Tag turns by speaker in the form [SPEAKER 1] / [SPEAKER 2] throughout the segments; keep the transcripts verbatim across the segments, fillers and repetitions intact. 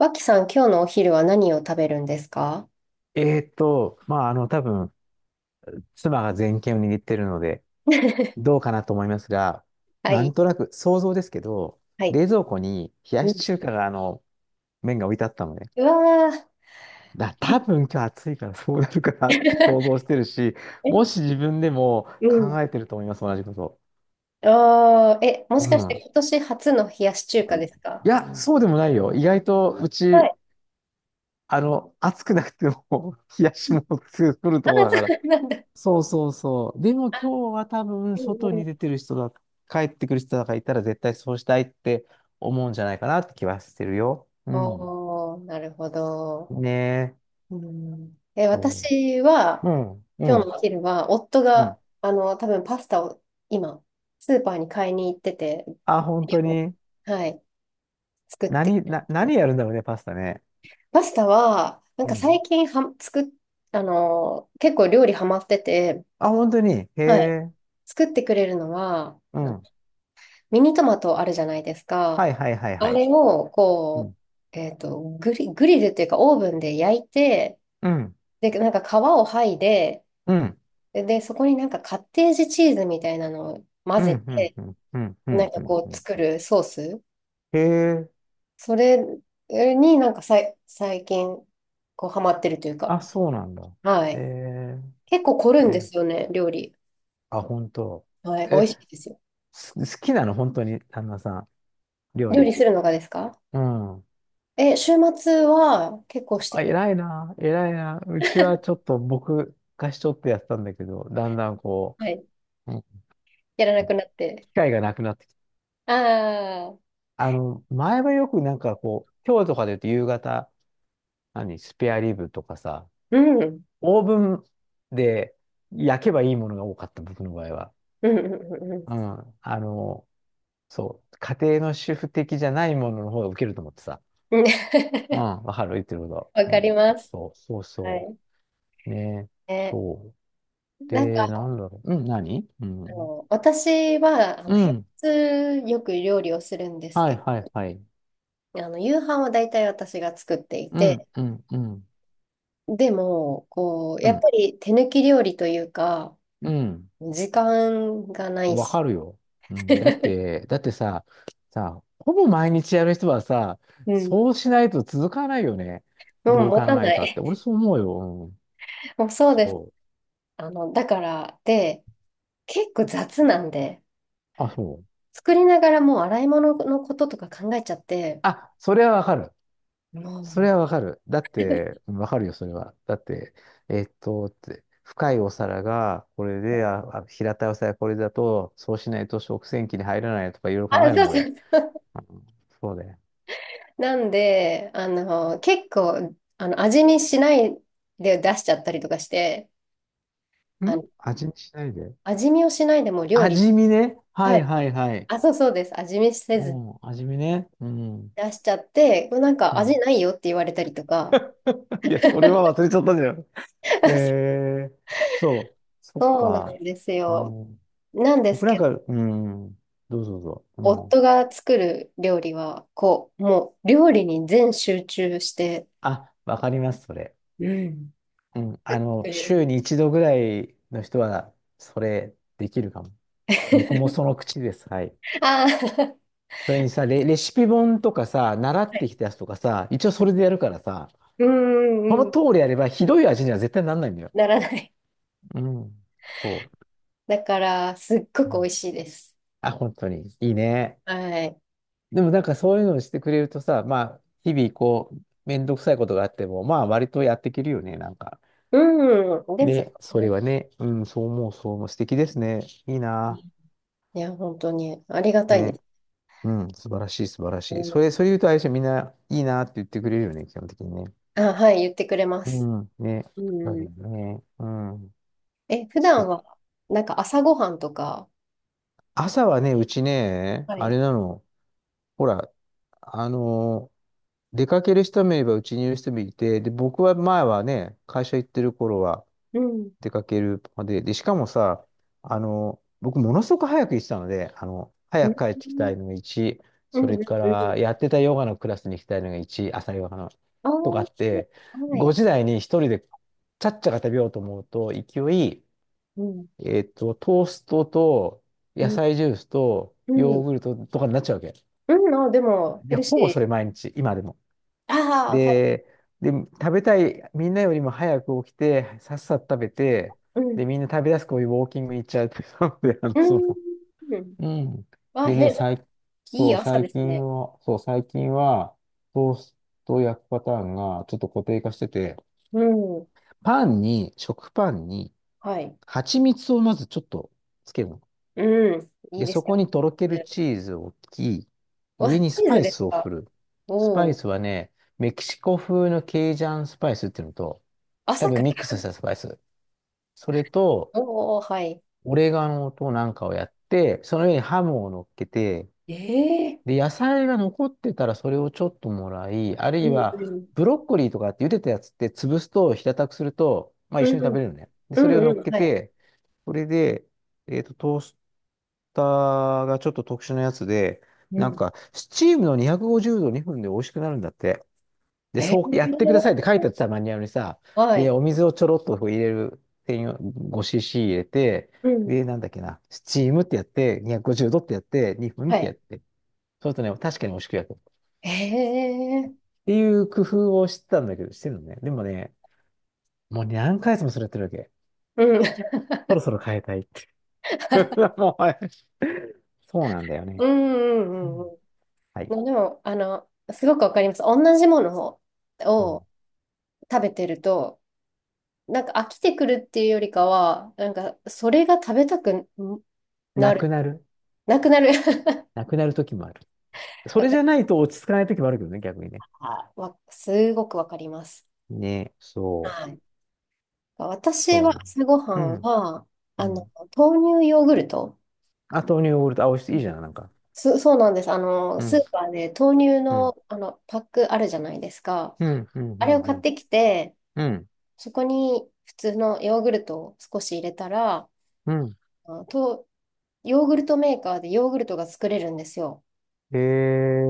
[SPEAKER 1] 脇さん、今日のお昼は何を食べるんですか？
[SPEAKER 2] えーっと、まあ、あの、多分、妻が全権を握ってるので、ど うかなと思いますが、
[SPEAKER 1] は
[SPEAKER 2] なん
[SPEAKER 1] い。
[SPEAKER 2] となく想像ですけど、
[SPEAKER 1] はい。
[SPEAKER 2] 冷蔵庫に冷や
[SPEAKER 1] う
[SPEAKER 2] し
[SPEAKER 1] ん。
[SPEAKER 2] 中華が、あの、麺が置いてあったのね。
[SPEAKER 1] うわ
[SPEAKER 2] だ、
[SPEAKER 1] ー。
[SPEAKER 2] 多分今日暑いからそうなるかなって想像 してるし、
[SPEAKER 1] え、
[SPEAKER 2] もし自分でも
[SPEAKER 1] う
[SPEAKER 2] 考
[SPEAKER 1] ん。
[SPEAKER 2] えてると思います、同じこと。
[SPEAKER 1] あー、え、もしか
[SPEAKER 2] う
[SPEAKER 1] して
[SPEAKER 2] ん。
[SPEAKER 1] 今年初の冷やし中華ですか？
[SPEAKER 2] いや、そうでもないよ。意外と、う
[SPEAKER 1] は
[SPEAKER 2] ち、
[SPEAKER 1] い。
[SPEAKER 2] あの、暑くなくても 冷や
[SPEAKER 1] う
[SPEAKER 2] し
[SPEAKER 1] ん。
[SPEAKER 2] もの作る
[SPEAKER 1] あ
[SPEAKER 2] と
[SPEAKER 1] ー、
[SPEAKER 2] ころだか
[SPEAKER 1] そ
[SPEAKER 2] ら、
[SPEAKER 1] うなんだ。
[SPEAKER 2] そうそうそう。でも今日は多分
[SPEAKER 1] う
[SPEAKER 2] 外
[SPEAKER 1] んう
[SPEAKER 2] に出
[SPEAKER 1] ん。
[SPEAKER 2] てる人だ、帰ってくる人だからいたら絶対そうしたいって思うんじゃないかなって気はしてるよ。うん。
[SPEAKER 1] おー、なるほど。
[SPEAKER 2] ねえ。
[SPEAKER 1] うん。え、
[SPEAKER 2] そ
[SPEAKER 1] 私は、
[SPEAKER 2] ううん、う
[SPEAKER 1] 今日
[SPEAKER 2] ん、
[SPEAKER 1] のお昼は、夫
[SPEAKER 2] う
[SPEAKER 1] が、
[SPEAKER 2] ん。
[SPEAKER 1] あの、多分パスタを今、スーパーに買いに行ってて、
[SPEAKER 2] あ、本当に。
[SPEAKER 1] はい、作ってく
[SPEAKER 2] 何、な、
[SPEAKER 1] れ
[SPEAKER 2] 何
[SPEAKER 1] て。
[SPEAKER 2] やるんだろうね、パスタね。
[SPEAKER 1] パスタは、なん
[SPEAKER 2] う
[SPEAKER 1] か
[SPEAKER 2] ん。
[SPEAKER 1] 最近は、作っ、あのー結構料理ハマってて、
[SPEAKER 2] あ、本当に。へ
[SPEAKER 1] はい。
[SPEAKER 2] え。
[SPEAKER 1] 作ってくれるのは、
[SPEAKER 2] う
[SPEAKER 1] あの
[SPEAKER 2] ん。
[SPEAKER 1] ミニトマトあるじゃないです
[SPEAKER 2] は
[SPEAKER 1] か。
[SPEAKER 2] いはいはい
[SPEAKER 1] あ
[SPEAKER 2] はい。
[SPEAKER 1] れを、
[SPEAKER 2] う
[SPEAKER 1] こ
[SPEAKER 2] ん。
[SPEAKER 1] う、えっと、グリ、グリルっていうかオーブンで焼いて、
[SPEAKER 2] うん。
[SPEAKER 1] で、なんか皮を剥いで、
[SPEAKER 2] うん。
[SPEAKER 1] で、そこになんかカッテージチーズみたいなのを混
[SPEAKER 2] うん。
[SPEAKER 1] ぜ
[SPEAKER 2] うん。
[SPEAKER 1] て、
[SPEAKER 2] うん。うん。う
[SPEAKER 1] なん
[SPEAKER 2] ん。う
[SPEAKER 1] か
[SPEAKER 2] ん
[SPEAKER 1] こう作
[SPEAKER 2] うん
[SPEAKER 1] るソース。
[SPEAKER 2] へえ。
[SPEAKER 1] それになんかさい、最近、こうハマってるというか。
[SPEAKER 2] あ、そうなんだ。
[SPEAKER 1] は
[SPEAKER 2] へ
[SPEAKER 1] い。
[SPEAKER 2] え。
[SPEAKER 1] 結構凝るんで
[SPEAKER 2] え、
[SPEAKER 1] すよね、料理。
[SPEAKER 2] あ、本当。
[SPEAKER 1] はい、美
[SPEAKER 2] え
[SPEAKER 1] 味しいですよ。
[SPEAKER 2] す好きなの、本当に、旦那さん、料
[SPEAKER 1] 料理
[SPEAKER 2] 理。
[SPEAKER 1] するのがですか？
[SPEAKER 2] うん。
[SPEAKER 1] え、週末は結構して
[SPEAKER 2] あ、
[SPEAKER 1] くれ。
[SPEAKER 2] 偉いな、偉いな。うちはちょっと僕がしとってやってたんだけど、だんだんこ
[SPEAKER 1] はい、
[SPEAKER 2] う、うん
[SPEAKER 1] やらな
[SPEAKER 2] うん
[SPEAKER 1] くなって。
[SPEAKER 2] 機会がなくなってきて。
[SPEAKER 1] ああ、
[SPEAKER 2] あの、前はよくなんかこう、今日とかで言うと夕方、何、スペアリブとかさ、
[SPEAKER 1] うん、うん、
[SPEAKER 2] オーブンで焼けばいいものが多かった、僕の場合は。
[SPEAKER 1] うん、うんうん。
[SPEAKER 2] うん。あの、そう、家庭の主婦的じゃないものの方がウケると思ってさ。
[SPEAKER 1] うん
[SPEAKER 2] うん、わかる、言ってるこ
[SPEAKER 1] わ
[SPEAKER 2] と。う
[SPEAKER 1] か
[SPEAKER 2] ん、
[SPEAKER 1] ります。
[SPEAKER 2] そうそう、そう
[SPEAKER 1] は
[SPEAKER 2] そ
[SPEAKER 1] い。
[SPEAKER 2] う。ね、
[SPEAKER 1] え、
[SPEAKER 2] そう。
[SPEAKER 1] なん
[SPEAKER 2] で、
[SPEAKER 1] か、
[SPEAKER 2] なんだろう。うん、何う
[SPEAKER 1] あ
[SPEAKER 2] ん。
[SPEAKER 1] の、私は、あの、
[SPEAKER 2] う
[SPEAKER 1] 平
[SPEAKER 2] ん。
[SPEAKER 1] 日よく料理をするんです
[SPEAKER 2] はい
[SPEAKER 1] け
[SPEAKER 2] はいはい。
[SPEAKER 1] ど、あの、夕飯は大体私が作ってい
[SPEAKER 2] う
[SPEAKER 1] て、
[SPEAKER 2] ん、うん、うん。
[SPEAKER 1] でも、こう、
[SPEAKER 2] う
[SPEAKER 1] やっ
[SPEAKER 2] ん、
[SPEAKER 1] ぱり手抜き料理というか、
[SPEAKER 2] うん。
[SPEAKER 1] 時間がない
[SPEAKER 2] わ
[SPEAKER 1] し、
[SPEAKER 2] かるよ。うん。だっ て、だってさ、さ、ほぼ毎日やる人はさ、
[SPEAKER 1] うん
[SPEAKER 2] そうしないと続かないよね。
[SPEAKER 1] うん、
[SPEAKER 2] どう
[SPEAKER 1] 持
[SPEAKER 2] 考
[SPEAKER 1] た
[SPEAKER 2] え
[SPEAKER 1] な
[SPEAKER 2] たって。
[SPEAKER 1] い。
[SPEAKER 2] 俺そう思うよ。うん。
[SPEAKER 1] もうそうです。
[SPEAKER 2] そう。
[SPEAKER 1] あの、だから、で、結構雑なんで、
[SPEAKER 2] あ、そう。
[SPEAKER 1] 作りながらもう洗い物のこととか考えちゃって、
[SPEAKER 2] あ、それはわかる。
[SPEAKER 1] もう、
[SPEAKER 2] それはわかる。だって、うんわかるよ、それは。だって、えっと、って、深いお皿がこれで、あ、あ平たいお皿がこれだと、そうしないと食洗機に入らないとかいろいろ
[SPEAKER 1] あ、
[SPEAKER 2] 考える
[SPEAKER 1] そ
[SPEAKER 2] も
[SPEAKER 1] う
[SPEAKER 2] ん、
[SPEAKER 1] そう
[SPEAKER 2] 俺。
[SPEAKER 1] そう。
[SPEAKER 2] うんそうだよ。
[SPEAKER 1] なんで、あの、結構、あの、味見しないで出しちゃったりとかして、あ
[SPEAKER 2] ん
[SPEAKER 1] の、
[SPEAKER 2] 味見しないで。
[SPEAKER 1] 味見をしないでもう料理、
[SPEAKER 2] 味見ね。は
[SPEAKER 1] は
[SPEAKER 2] い
[SPEAKER 1] い。
[SPEAKER 2] はいはい。
[SPEAKER 1] あ、そうそうです。味見せ
[SPEAKER 2] う
[SPEAKER 1] ず
[SPEAKER 2] ん、味見ね。うん。
[SPEAKER 1] 出しちゃって、なんか
[SPEAKER 2] うん。
[SPEAKER 1] 味ないよって言われたりとか、
[SPEAKER 2] いや、それは忘れちゃったんだよ。えー、そう。そっ
[SPEAKER 1] そうな
[SPEAKER 2] か。
[SPEAKER 1] んです
[SPEAKER 2] う
[SPEAKER 1] よ。
[SPEAKER 2] ん、
[SPEAKER 1] なんです
[SPEAKER 2] 僕なん
[SPEAKER 1] け
[SPEAKER 2] か、うん、どうぞどうぞ。うん。
[SPEAKER 1] 夫が作る料理は、こう、もう料理に全集中して、
[SPEAKER 2] あ、わかります、それ。
[SPEAKER 1] うん。
[SPEAKER 2] うん、あ
[SPEAKER 1] く
[SPEAKER 2] の、
[SPEAKER 1] れる。
[SPEAKER 2] 週にいちどぐらいの人は、それできるかも。僕も その口です。はい。
[SPEAKER 1] ああ、
[SPEAKER 2] それにさ、レ、レシピ本とかさ、習っ
[SPEAKER 1] はい。
[SPEAKER 2] てきたやつとかさ、一応それでやるからさ、
[SPEAKER 1] うんう
[SPEAKER 2] こ
[SPEAKER 1] ん
[SPEAKER 2] の
[SPEAKER 1] う
[SPEAKER 2] 通
[SPEAKER 1] ん。
[SPEAKER 2] りやればひどい味には絶対なんないんだよ。
[SPEAKER 1] ならない。
[SPEAKER 2] うん。そう。
[SPEAKER 1] だから、すっご
[SPEAKER 2] う
[SPEAKER 1] く美
[SPEAKER 2] ん
[SPEAKER 1] 味しいです。
[SPEAKER 2] あ、本当に。いいね。
[SPEAKER 1] はい。
[SPEAKER 2] でもなんかそういうのをしてくれるとさ、まあ、日々こう、めんどくさいことがあっても、まあ、割とやっていけるよね、なんか。
[SPEAKER 1] うん。です
[SPEAKER 2] ね、そ
[SPEAKER 1] ね。
[SPEAKER 2] れはね、うん、そう思う、そう思う。素敵ですね。いいな。
[SPEAKER 1] いや、本当にありがたいで
[SPEAKER 2] ね。
[SPEAKER 1] す。
[SPEAKER 2] うん、素晴らしい、素晴らし
[SPEAKER 1] う
[SPEAKER 2] い。それ、そ
[SPEAKER 1] ん。
[SPEAKER 2] れ言うと、あれでしょみんないいなって言ってくれるよね、基本的にね。
[SPEAKER 1] あ、はい、言ってくれま
[SPEAKER 2] う
[SPEAKER 1] す。
[SPEAKER 2] ん、ね。
[SPEAKER 1] う
[SPEAKER 2] だけ
[SPEAKER 1] ん。
[SPEAKER 2] どね。うん。
[SPEAKER 1] え、普
[SPEAKER 2] そ
[SPEAKER 1] 段
[SPEAKER 2] う。
[SPEAKER 1] は、なんか朝ごはんとか、
[SPEAKER 2] 朝はね、うちね、
[SPEAKER 1] は
[SPEAKER 2] あ
[SPEAKER 1] い。
[SPEAKER 2] れなの。ほら、あのー出かける人もいれば、うちにいる人もいて、で、僕は前はね、会社行ってる頃は、
[SPEAKER 1] うん。
[SPEAKER 2] 出かけるまで、で、しかもさ、あの、僕ものすごく早く行ってたので、あの、
[SPEAKER 1] う
[SPEAKER 2] 早
[SPEAKER 1] ん。
[SPEAKER 2] く帰ってきたいのがいち、
[SPEAKER 1] う
[SPEAKER 2] そ
[SPEAKER 1] ん。う
[SPEAKER 2] れ
[SPEAKER 1] ん。
[SPEAKER 2] から
[SPEAKER 1] う、
[SPEAKER 2] やってたヨガのクラスに行きたいのがいち、朝ヨガの、
[SPEAKER 1] あ
[SPEAKER 2] とかあ
[SPEAKER 1] ー、
[SPEAKER 2] って、
[SPEAKER 1] は
[SPEAKER 2] ご
[SPEAKER 1] い。
[SPEAKER 2] 時台にひとりでちゃっちゃか食べようと思うと、勢い、
[SPEAKER 1] うん。
[SPEAKER 2] えっと、トーストと
[SPEAKER 1] う
[SPEAKER 2] 野
[SPEAKER 1] ん
[SPEAKER 2] 菜ジュースと
[SPEAKER 1] う
[SPEAKER 2] ヨー
[SPEAKER 1] ん。
[SPEAKER 2] グルトとかになっちゃうわけ。
[SPEAKER 1] うん、あ、でも、ヘ
[SPEAKER 2] で、
[SPEAKER 1] ル
[SPEAKER 2] ほぼそ
[SPEAKER 1] シ
[SPEAKER 2] れ毎日、今でも。
[SPEAKER 1] ー。ああ、はい。
[SPEAKER 2] で、で、食べたい、みんなよりも早く起きて、さっさと食べて、
[SPEAKER 1] う
[SPEAKER 2] で、
[SPEAKER 1] ん。
[SPEAKER 2] みんな食べ出すこういうウォーキングに行っちゃうっていうので、あの、
[SPEAKER 1] う
[SPEAKER 2] そ
[SPEAKER 1] ん。
[SPEAKER 2] の、
[SPEAKER 1] うん。
[SPEAKER 2] うん。
[SPEAKER 1] あ、
[SPEAKER 2] でね、
[SPEAKER 1] へ、
[SPEAKER 2] 最、
[SPEAKER 1] い
[SPEAKER 2] そ
[SPEAKER 1] い
[SPEAKER 2] う、
[SPEAKER 1] 朝で
[SPEAKER 2] 最
[SPEAKER 1] す
[SPEAKER 2] 近
[SPEAKER 1] ね。
[SPEAKER 2] は、そう、最近は、トーストを焼くパターンがちょっと固定化してて、
[SPEAKER 1] うん。
[SPEAKER 2] パンに、食パンに、
[SPEAKER 1] はい。
[SPEAKER 2] 蜂蜜をまずちょっとつけるの。
[SPEAKER 1] うん。いい
[SPEAKER 2] で、
[SPEAKER 1] で
[SPEAKER 2] そ
[SPEAKER 1] すよ。
[SPEAKER 2] こにとろける
[SPEAKER 1] う
[SPEAKER 2] チーズを置き、
[SPEAKER 1] わ、
[SPEAKER 2] 上に
[SPEAKER 1] チ
[SPEAKER 2] ス
[SPEAKER 1] ー
[SPEAKER 2] パ
[SPEAKER 1] ズ
[SPEAKER 2] イ
[SPEAKER 1] です
[SPEAKER 2] スを振
[SPEAKER 1] か？
[SPEAKER 2] る。スパ
[SPEAKER 1] お
[SPEAKER 2] イ
[SPEAKER 1] おー。
[SPEAKER 2] スはね、メキシコ風のケイジャンスパイスっていうのと、多
[SPEAKER 1] 朝か
[SPEAKER 2] 分ミック
[SPEAKER 1] ら。
[SPEAKER 2] スしたスパイス。それと、
[SPEAKER 1] おお、はい。
[SPEAKER 2] オレガノとなんかをやって、その上にハムを乗っけて、
[SPEAKER 1] ええ、
[SPEAKER 2] で、野菜が残ってたらそれをちょっともらい、ある
[SPEAKER 1] う
[SPEAKER 2] い
[SPEAKER 1] んう
[SPEAKER 2] は
[SPEAKER 1] ん。
[SPEAKER 2] ブロッコリーとかって茹でたやつって潰すと平たくすると、まあ一
[SPEAKER 1] う
[SPEAKER 2] 緒
[SPEAKER 1] ん
[SPEAKER 2] に
[SPEAKER 1] う
[SPEAKER 2] 食
[SPEAKER 1] ん。
[SPEAKER 2] べれるのね。で、
[SPEAKER 1] う
[SPEAKER 2] それを乗
[SPEAKER 1] ん
[SPEAKER 2] っ
[SPEAKER 1] うん。
[SPEAKER 2] け
[SPEAKER 1] はい。
[SPEAKER 2] て、これで、えっと、トースターがちょっと特殊なやつで、
[SPEAKER 1] う
[SPEAKER 2] なん
[SPEAKER 1] ん。
[SPEAKER 2] か、スチームのにひゃくごじゅうどにふんで美味しくなるんだって。で、
[SPEAKER 1] え
[SPEAKER 2] そうやってくだ
[SPEAKER 1] え、
[SPEAKER 2] さいって書いてあってさ、マニュアルにさ、
[SPEAKER 1] は
[SPEAKER 2] で、
[SPEAKER 1] い。
[SPEAKER 2] お水をちょろっとこう入れる専用 ごシーシー 入れて、
[SPEAKER 1] うん。
[SPEAKER 2] で、なんだっけな、スチームってやって、にひゃくごじゅうどってやって、にふん
[SPEAKER 1] は
[SPEAKER 2] ってや
[SPEAKER 1] い。
[SPEAKER 2] って、そうするとね、確かに美味しく焼く。っ
[SPEAKER 1] ええ、
[SPEAKER 2] ていう工夫をしてたんだけど、してるのね。でもね、もう何回もそれやってるわけ。
[SPEAKER 1] うん。
[SPEAKER 2] そろそろ変えたいって。もうはいそうなんだよね。
[SPEAKER 1] うんう
[SPEAKER 2] う
[SPEAKER 1] んう
[SPEAKER 2] ん、
[SPEAKER 1] ん
[SPEAKER 2] はい。
[SPEAKER 1] うん。でも、あの、すごくわかります。同じもの
[SPEAKER 2] うん。
[SPEAKER 1] を、食べてると、なんか飽きてくるっていうよりかは、なんかそれが食べたくな
[SPEAKER 2] なく
[SPEAKER 1] る、
[SPEAKER 2] なる。
[SPEAKER 1] なくなる。
[SPEAKER 2] なくなる時もある。そ
[SPEAKER 1] わ
[SPEAKER 2] れ
[SPEAKER 1] か
[SPEAKER 2] じゃないと落ち着かない時もあるけどね、逆にね。
[SPEAKER 1] わすごくわかります。
[SPEAKER 2] ね、そ
[SPEAKER 1] はい。
[SPEAKER 2] う。
[SPEAKER 1] 私は
[SPEAKER 2] そ
[SPEAKER 1] 朝ごは
[SPEAKER 2] う。う
[SPEAKER 1] ん
[SPEAKER 2] ん。
[SPEAKER 1] は、
[SPEAKER 2] う
[SPEAKER 1] あの、
[SPEAKER 2] ん
[SPEAKER 1] 豆乳ヨーグルト。
[SPEAKER 2] あ、豆乳ヨーグルト。あ、美味しい。いいじゃん、なんか。
[SPEAKER 1] そ、そうなんです。あの、
[SPEAKER 2] う
[SPEAKER 1] ス
[SPEAKER 2] ん、
[SPEAKER 1] ーパーで豆乳
[SPEAKER 2] う
[SPEAKER 1] の、
[SPEAKER 2] ん、
[SPEAKER 1] あの、パックあるじゃないですか。
[SPEAKER 2] うん、うん、う
[SPEAKER 1] あれを
[SPEAKER 2] ん、う
[SPEAKER 1] 買っ
[SPEAKER 2] ん、
[SPEAKER 1] てきて、
[SPEAKER 2] うん。
[SPEAKER 1] そこに普通のヨーグルトを少し入れたら、
[SPEAKER 2] うん
[SPEAKER 1] あと、ヨーグルトメーカーでヨーグルトが作れるんですよ。
[SPEAKER 2] え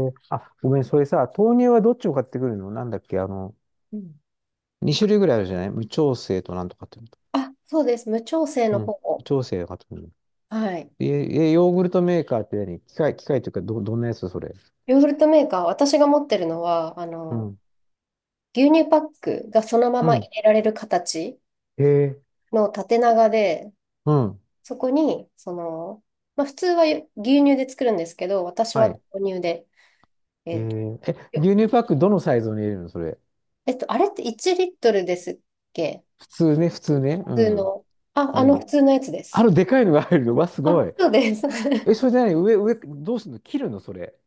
[SPEAKER 2] ー、あ、ごめん、それさ、豆乳はどっちを買ってくるのなんだっけ、あの、
[SPEAKER 1] うん。
[SPEAKER 2] にしゅるい種類ぐらいあるじゃない無調整となんとかっていうのと。
[SPEAKER 1] あ、そうです。無調整
[SPEAKER 2] う
[SPEAKER 1] の
[SPEAKER 2] ん。無
[SPEAKER 1] 方。
[SPEAKER 2] 調整を買ってくるの。
[SPEAKER 1] はい。
[SPEAKER 2] え、え、ヨーグルトメーカーって何機械、機械というか、ど、どんなやつそれ。
[SPEAKER 1] ヨーグルトメーカー、私が持ってるのは、あ
[SPEAKER 2] う
[SPEAKER 1] の、
[SPEAKER 2] ん、
[SPEAKER 1] 牛乳パックがそのま
[SPEAKER 2] う
[SPEAKER 1] ま入
[SPEAKER 2] ん。
[SPEAKER 1] れられる形
[SPEAKER 2] へえー、
[SPEAKER 1] の縦長で、
[SPEAKER 2] うん。
[SPEAKER 1] そこに、その、まあ、普通は牛乳で作るんですけど、私
[SPEAKER 2] は
[SPEAKER 1] は
[SPEAKER 2] い。
[SPEAKER 1] 豆乳で、
[SPEAKER 2] え
[SPEAKER 1] えっと、
[SPEAKER 2] ー、え、
[SPEAKER 1] よ
[SPEAKER 2] 牛乳パックどのサイズに入れるのそれ。
[SPEAKER 1] えっと、あれっていちリットルですっけ？
[SPEAKER 2] 普通ね、普通ね。う
[SPEAKER 1] 普通
[SPEAKER 2] ん。
[SPEAKER 1] の。あ、
[SPEAKER 2] う
[SPEAKER 1] あの普
[SPEAKER 2] ん。
[SPEAKER 1] 通のやつで
[SPEAKER 2] あ
[SPEAKER 1] す。
[SPEAKER 2] の、でかいのが入るの。わ、す
[SPEAKER 1] あ、
[SPEAKER 2] ごい。
[SPEAKER 1] そうです。
[SPEAKER 2] え、それじゃない、上、上、どうすんの切るのそれ。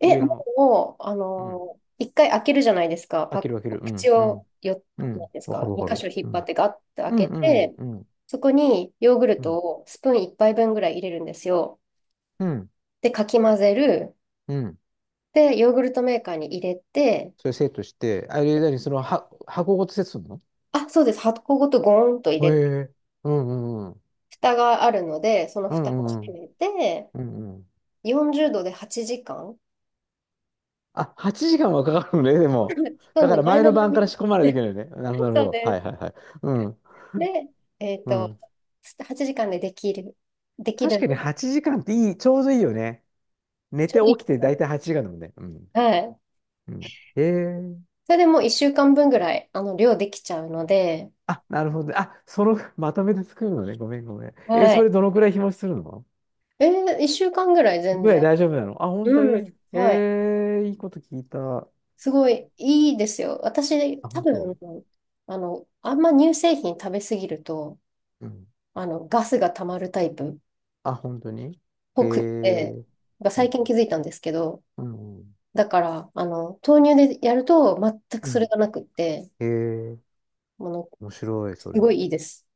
[SPEAKER 1] え、
[SPEAKER 2] 上の。
[SPEAKER 1] もう、あ
[SPEAKER 2] うん。
[SPEAKER 1] のー一回開けるじゃないですか。
[SPEAKER 2] 開
[SPEAKER 1] パッ、
[SPEAKER 2] ける開ける。う
[SPEAKER 1] 口
[SPEAKER 2] ん、う
[SPEAKER 1] を
[SPEAKER 2] ん、
[SPEAKER 1] よ、
[SPEAKER 2] う
[SPEAKER 1] なん
[SPEAKER 2] ん。
[SPEAKER 1] です
[SPEAKER 2] わか
[SPEAKER 1] か、
[SPEAKER 2] るわ
[SPEAKER 1] 二
[SPEAKER 2] か
[SPEAKER 1] 箇
[SPEAKER 2] る。
[SPEAKER 1] 所引
[SPEAKER 2] う
[SPEAKER 1] っ張っ
[SPEAKER 2] ん。
[SPEAKER 1] てガッと開
[SPEAKER 2] うん、
[SPEAKER 1] け
[SPEAKER 2] うん、
[SPEAKER 1] て、
[SPEAKER 2] うん、
[SPEAKER 1] そこにヨーグル
[SPEAKER 2] う
[SPEAKER 1] ト
[SPEAKER 2] ん、
[SPEAKER 1] をスプーン一杯分ぐらい入れるんですよ。
[SPEAKER 2] うん。
[SPEAKER 1] で、かき混ぜる。
[SPEAKER 2] うん
[SPEAKER 1] で、ヨーグルトメーカーに入れて、
[SPEAKER 2] それセットして、あれ、何、その、は、箱ごとセットするの
[SPEAKER 1] あ、そうです。箱ごとゴーンと入
[SPEAKER 2] へ
[SPEAKER 1] れて、
[SPEAKER 2] え。うん、うん、うん。
[SPEAKER 1] 蓋があるので、その
[SPEAKER 2] う
[SPEAKER 1] 蓋を
[SPEAKER 2] ん、うんう
[SPEAKER 1] 閉
[SPEAKER 2] ん。
[SPEAKER 1] めて、
[SPEAKER 2] うんうん
[SPEAKER 1] よんじゅうどではちじかん。
[SPEAKER 2] あ、はちじかんはかかるのね、でも。
[SPEAKER 1] な
[SPEAKER 2] だ
[SPEAKER 1] ん
[SPEAKER 2] か
[SPEAKER 1] で、
[SPEAKER 2] ら
[SPEAKER 1] 前
[SPEAKER 2] 前
[SPEAKER 1] の
[SPEAKER 2] の
[SPEAKER 1] 晩
[SPEAKER 2] 晩から
[SPEAKER 1] に、
[SPEAKER 2] 仕込まれていけないよね。なるほど、なるほ
[SPEAKER 1] そう
[SPEAKER 2] ど。は
[SPEAKER 1] で
[SPEAKER 2] い
[SPEAKER 1] す。
[SPEAKER 2] はいはい。うん、
[SPEAKER 1] で、えっ
[SPEAKER 2] う
[SPEAKER 1] と、
[SPEAKER 2] ん。
[SPEAKER 1] はちじかんでできる。でき
[SPEAKER 2] 確
[SPEAKER 1] るん
[SPEAKER 2] か
[SPEAKER 1] で、
[SPEAKER 2] にはちじかんっていい、ちょうどいいよね。寝
[SPEAKER 1] ちょ
[SPEAKER 2] て
[SPEAKER 1] うどいいで
[SPEAKER 2] 起きて
[SPEAKER 1] すよ。
[SPEAKER 2] 大体はちじかんだもんね。うん。
[SPEAKER 1] はい。
[SPEAKER 2] うん。へえ。
[SPEAKER 1] それでもういっしゅうかんぶんぐらい、あの、量できちゃうので、
[SPEAKER 2] あ、なるほど。あ、その、まとめて作るのね。ごめんごめん。えー
[SPEAKER 1] は
[SPEAKER 2] そ
[SPEAKER 1] い。
[SPEAKER 2] れどのくらい日持ちするの
[SPEAKER 1] えー、いっしゅうかんぐらい全
[SPEAKER 2] ぐらい
[SPEAKER 1] 然。
[SPEAKER 2] 大丈夫なのあ、本当
[SPEAKER 1] う
[SPEAKER 2] に
[SPEAKER 1] ん。はい。
[SPEAKER 2] えー、いいこと聞いた。
[SPEAKER 1] すごいいいですよ。私、
[SPEAKER 2] あ、
[SPEAKER 1] 多
[SPEAKER 2] 本
[SPEAKER 1] 分、
[SPEAKER 2] 当。
[SPEAKER 1] あの、あんま乳製品食べ過ぎると、
[SPEAKER 2] うん。
[SPEAKER 1] あの、ガスが溜まるタイプっ
[SPEAKER 2] あ、本当にえ
[SPEAKER 1] ぽくって、
[SPEAKER 2] ー、
[SPEAKER 1] が
[SPEAKER 2] う
[SPEAKER 1] 最近気
[SPEAKER 2] ん、
[SPEAKER 1] づいたんですけど、
[SPEAKER 2] うん、
[SPEAKER 1] だから、あの、豆乳でやると全く
[SPEAKER 2] う
[SPEAKER 1] それ
[SPEAKER 2] ん。
[SPEAKER 1] がなくって、
[SPEAKER 2] えー、
[SPEAKER 1] あの、
[SPEAKER 2] 面白い、
[SPEAKER 1] す
[SPEAKER 2] それ。
[SPEAKER 1] ごいいいです。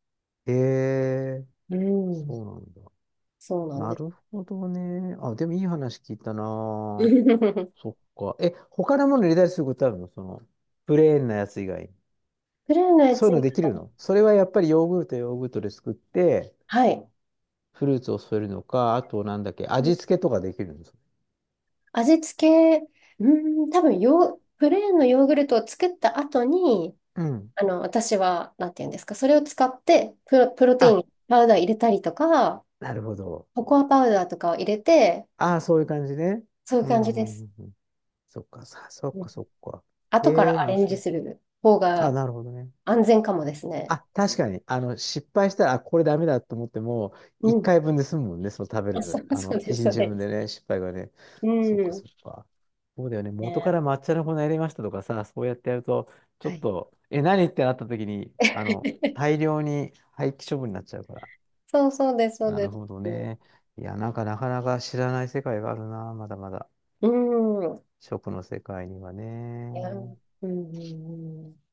[SPEAKER 2] えー、
[SPEAKER 1] うん。
[SPEAKER 2] そうなんだ。
[SPEAKER 1] そうなん
[SPEAKER 2] な
[SPEAKER 1] です。
[SPEAKER 2] るほどね。あ、でもいい話聞いたな。
[SPEAKER 1] プ
[SPEAKER 2] そっか。え、他のもの入れたりすることあるのその、プレーンなやつ以外に。
[SPEAKER 1] レーンのや
[SPEAKER 2] そう
[SPEAKER 1] つ、
[SPEAKER 2] いうのできるのそれはやっぱりヨーグルト、ヨーグルトで作って、
[SPEAKER 1] はい。
[SPEAKER 2] フルーツを添えるのか、あとなんだっけ、味付けとかできるんです。
[SPEAKER 1] 味付け、うーん、多分ヨー、プレーンのヨーグルトを作った後に、
[SPEAKER 2] うん。
[SPEAKER 1] あの、私は、なんていうんですか、それを使ってプロ、プロテイ
[SPEAKER 2] あ、
[SPEAKER 1] ン、パウダー入れたりとか、
[SPEAKER 2] なるほど。
[SPEAKER 1] ココアパウダーとかを入れて、
[SPEAKER 2] ああ、そういう感じね。
[SPEAKER 1] そういう
[SPEAKER 2] う
[SPEAKER 1] 感じ
[SPEAKER 2] ん、う
[SPEAKER 1] で
[SPEAKER 2] ん、う
[SPEAKER 1] す。
[SPEAKER 2] ん。うんそっか、さ、そっ
[SPEAKER 1] うん。
[SPEAKER 2] か、そっか。え
[SPEAKER 1] 後か
[SPEAKER 2] え、
[SPEAKER 1] らア
[SPEAKER 2] 面
[SPEAKER 1] レンジ
[SPEAKER 2] 白い。
[SPEAKER 1] する方
[SPEAKER 2] あ、
[SPEAKER 1] が
[SPEAKER 2] なるほどね。
[SPEAKER 1] 安全かもですね。
[SPEAKER 2] あ、確かに、あの、失敗したら、あ、これダメだと思っても、
[SPEAKER 1] う
[SPEAKER 2] 一
[SPEAKER 1] ん。
[SPEAKER 2] 回分で済むもんね、その食べ
[SPEAKER 1] あ、そ
[SPEAKER 2] る、
[SPEAKER 1] う、
[SPEAKER 2] あ
[SPEAKER 1] そう
[SPEAKER 2] の、
[SPEAKER 1] です、
[SPEAKER 2] 一
[SPEAKER 1] そう
[SPEAKER 2] 日
[SPEAKER 1] で
[SPEAKER 2] 分
[SPEAKER 1] す。
[SPEAKER 2] でね、失敗がね。
[SPEAKER 1] う
[SPEAKER 2] そっか
[SPEAKER 1] ん。
[SPEAKER 2] そっか。そうだよね、元か
[SPEAKER 1] ね、
[SPEAKER 2] ら抹茶の粉入れましたとかさ、そうやってやると、ちょ
[SPEAKER 1] は
[SPEAKER 2] っ
[SPEAKER 1] い。
[SPEAKER 2] と、え、何ってなった時に、あの、大量に廃棄処分になっちゃうから。
[SPEAKER 1] そう、そうです、そう
[SPEAKER 2] な
[SPEAKER 1] で
[SPEAKER 2] る
[SPEAKER 1] す。
[SPEAKER 2] ほどね。いや、なんかなかなか知らない世界があるな、まだまだ。
[SPEAKER 1] うん。
[SPEAKER 2] 食の世界には
[SPEAKER 1] いや、う
[SPEAKER 2] ね。
[SPEAKER 1] んうんうん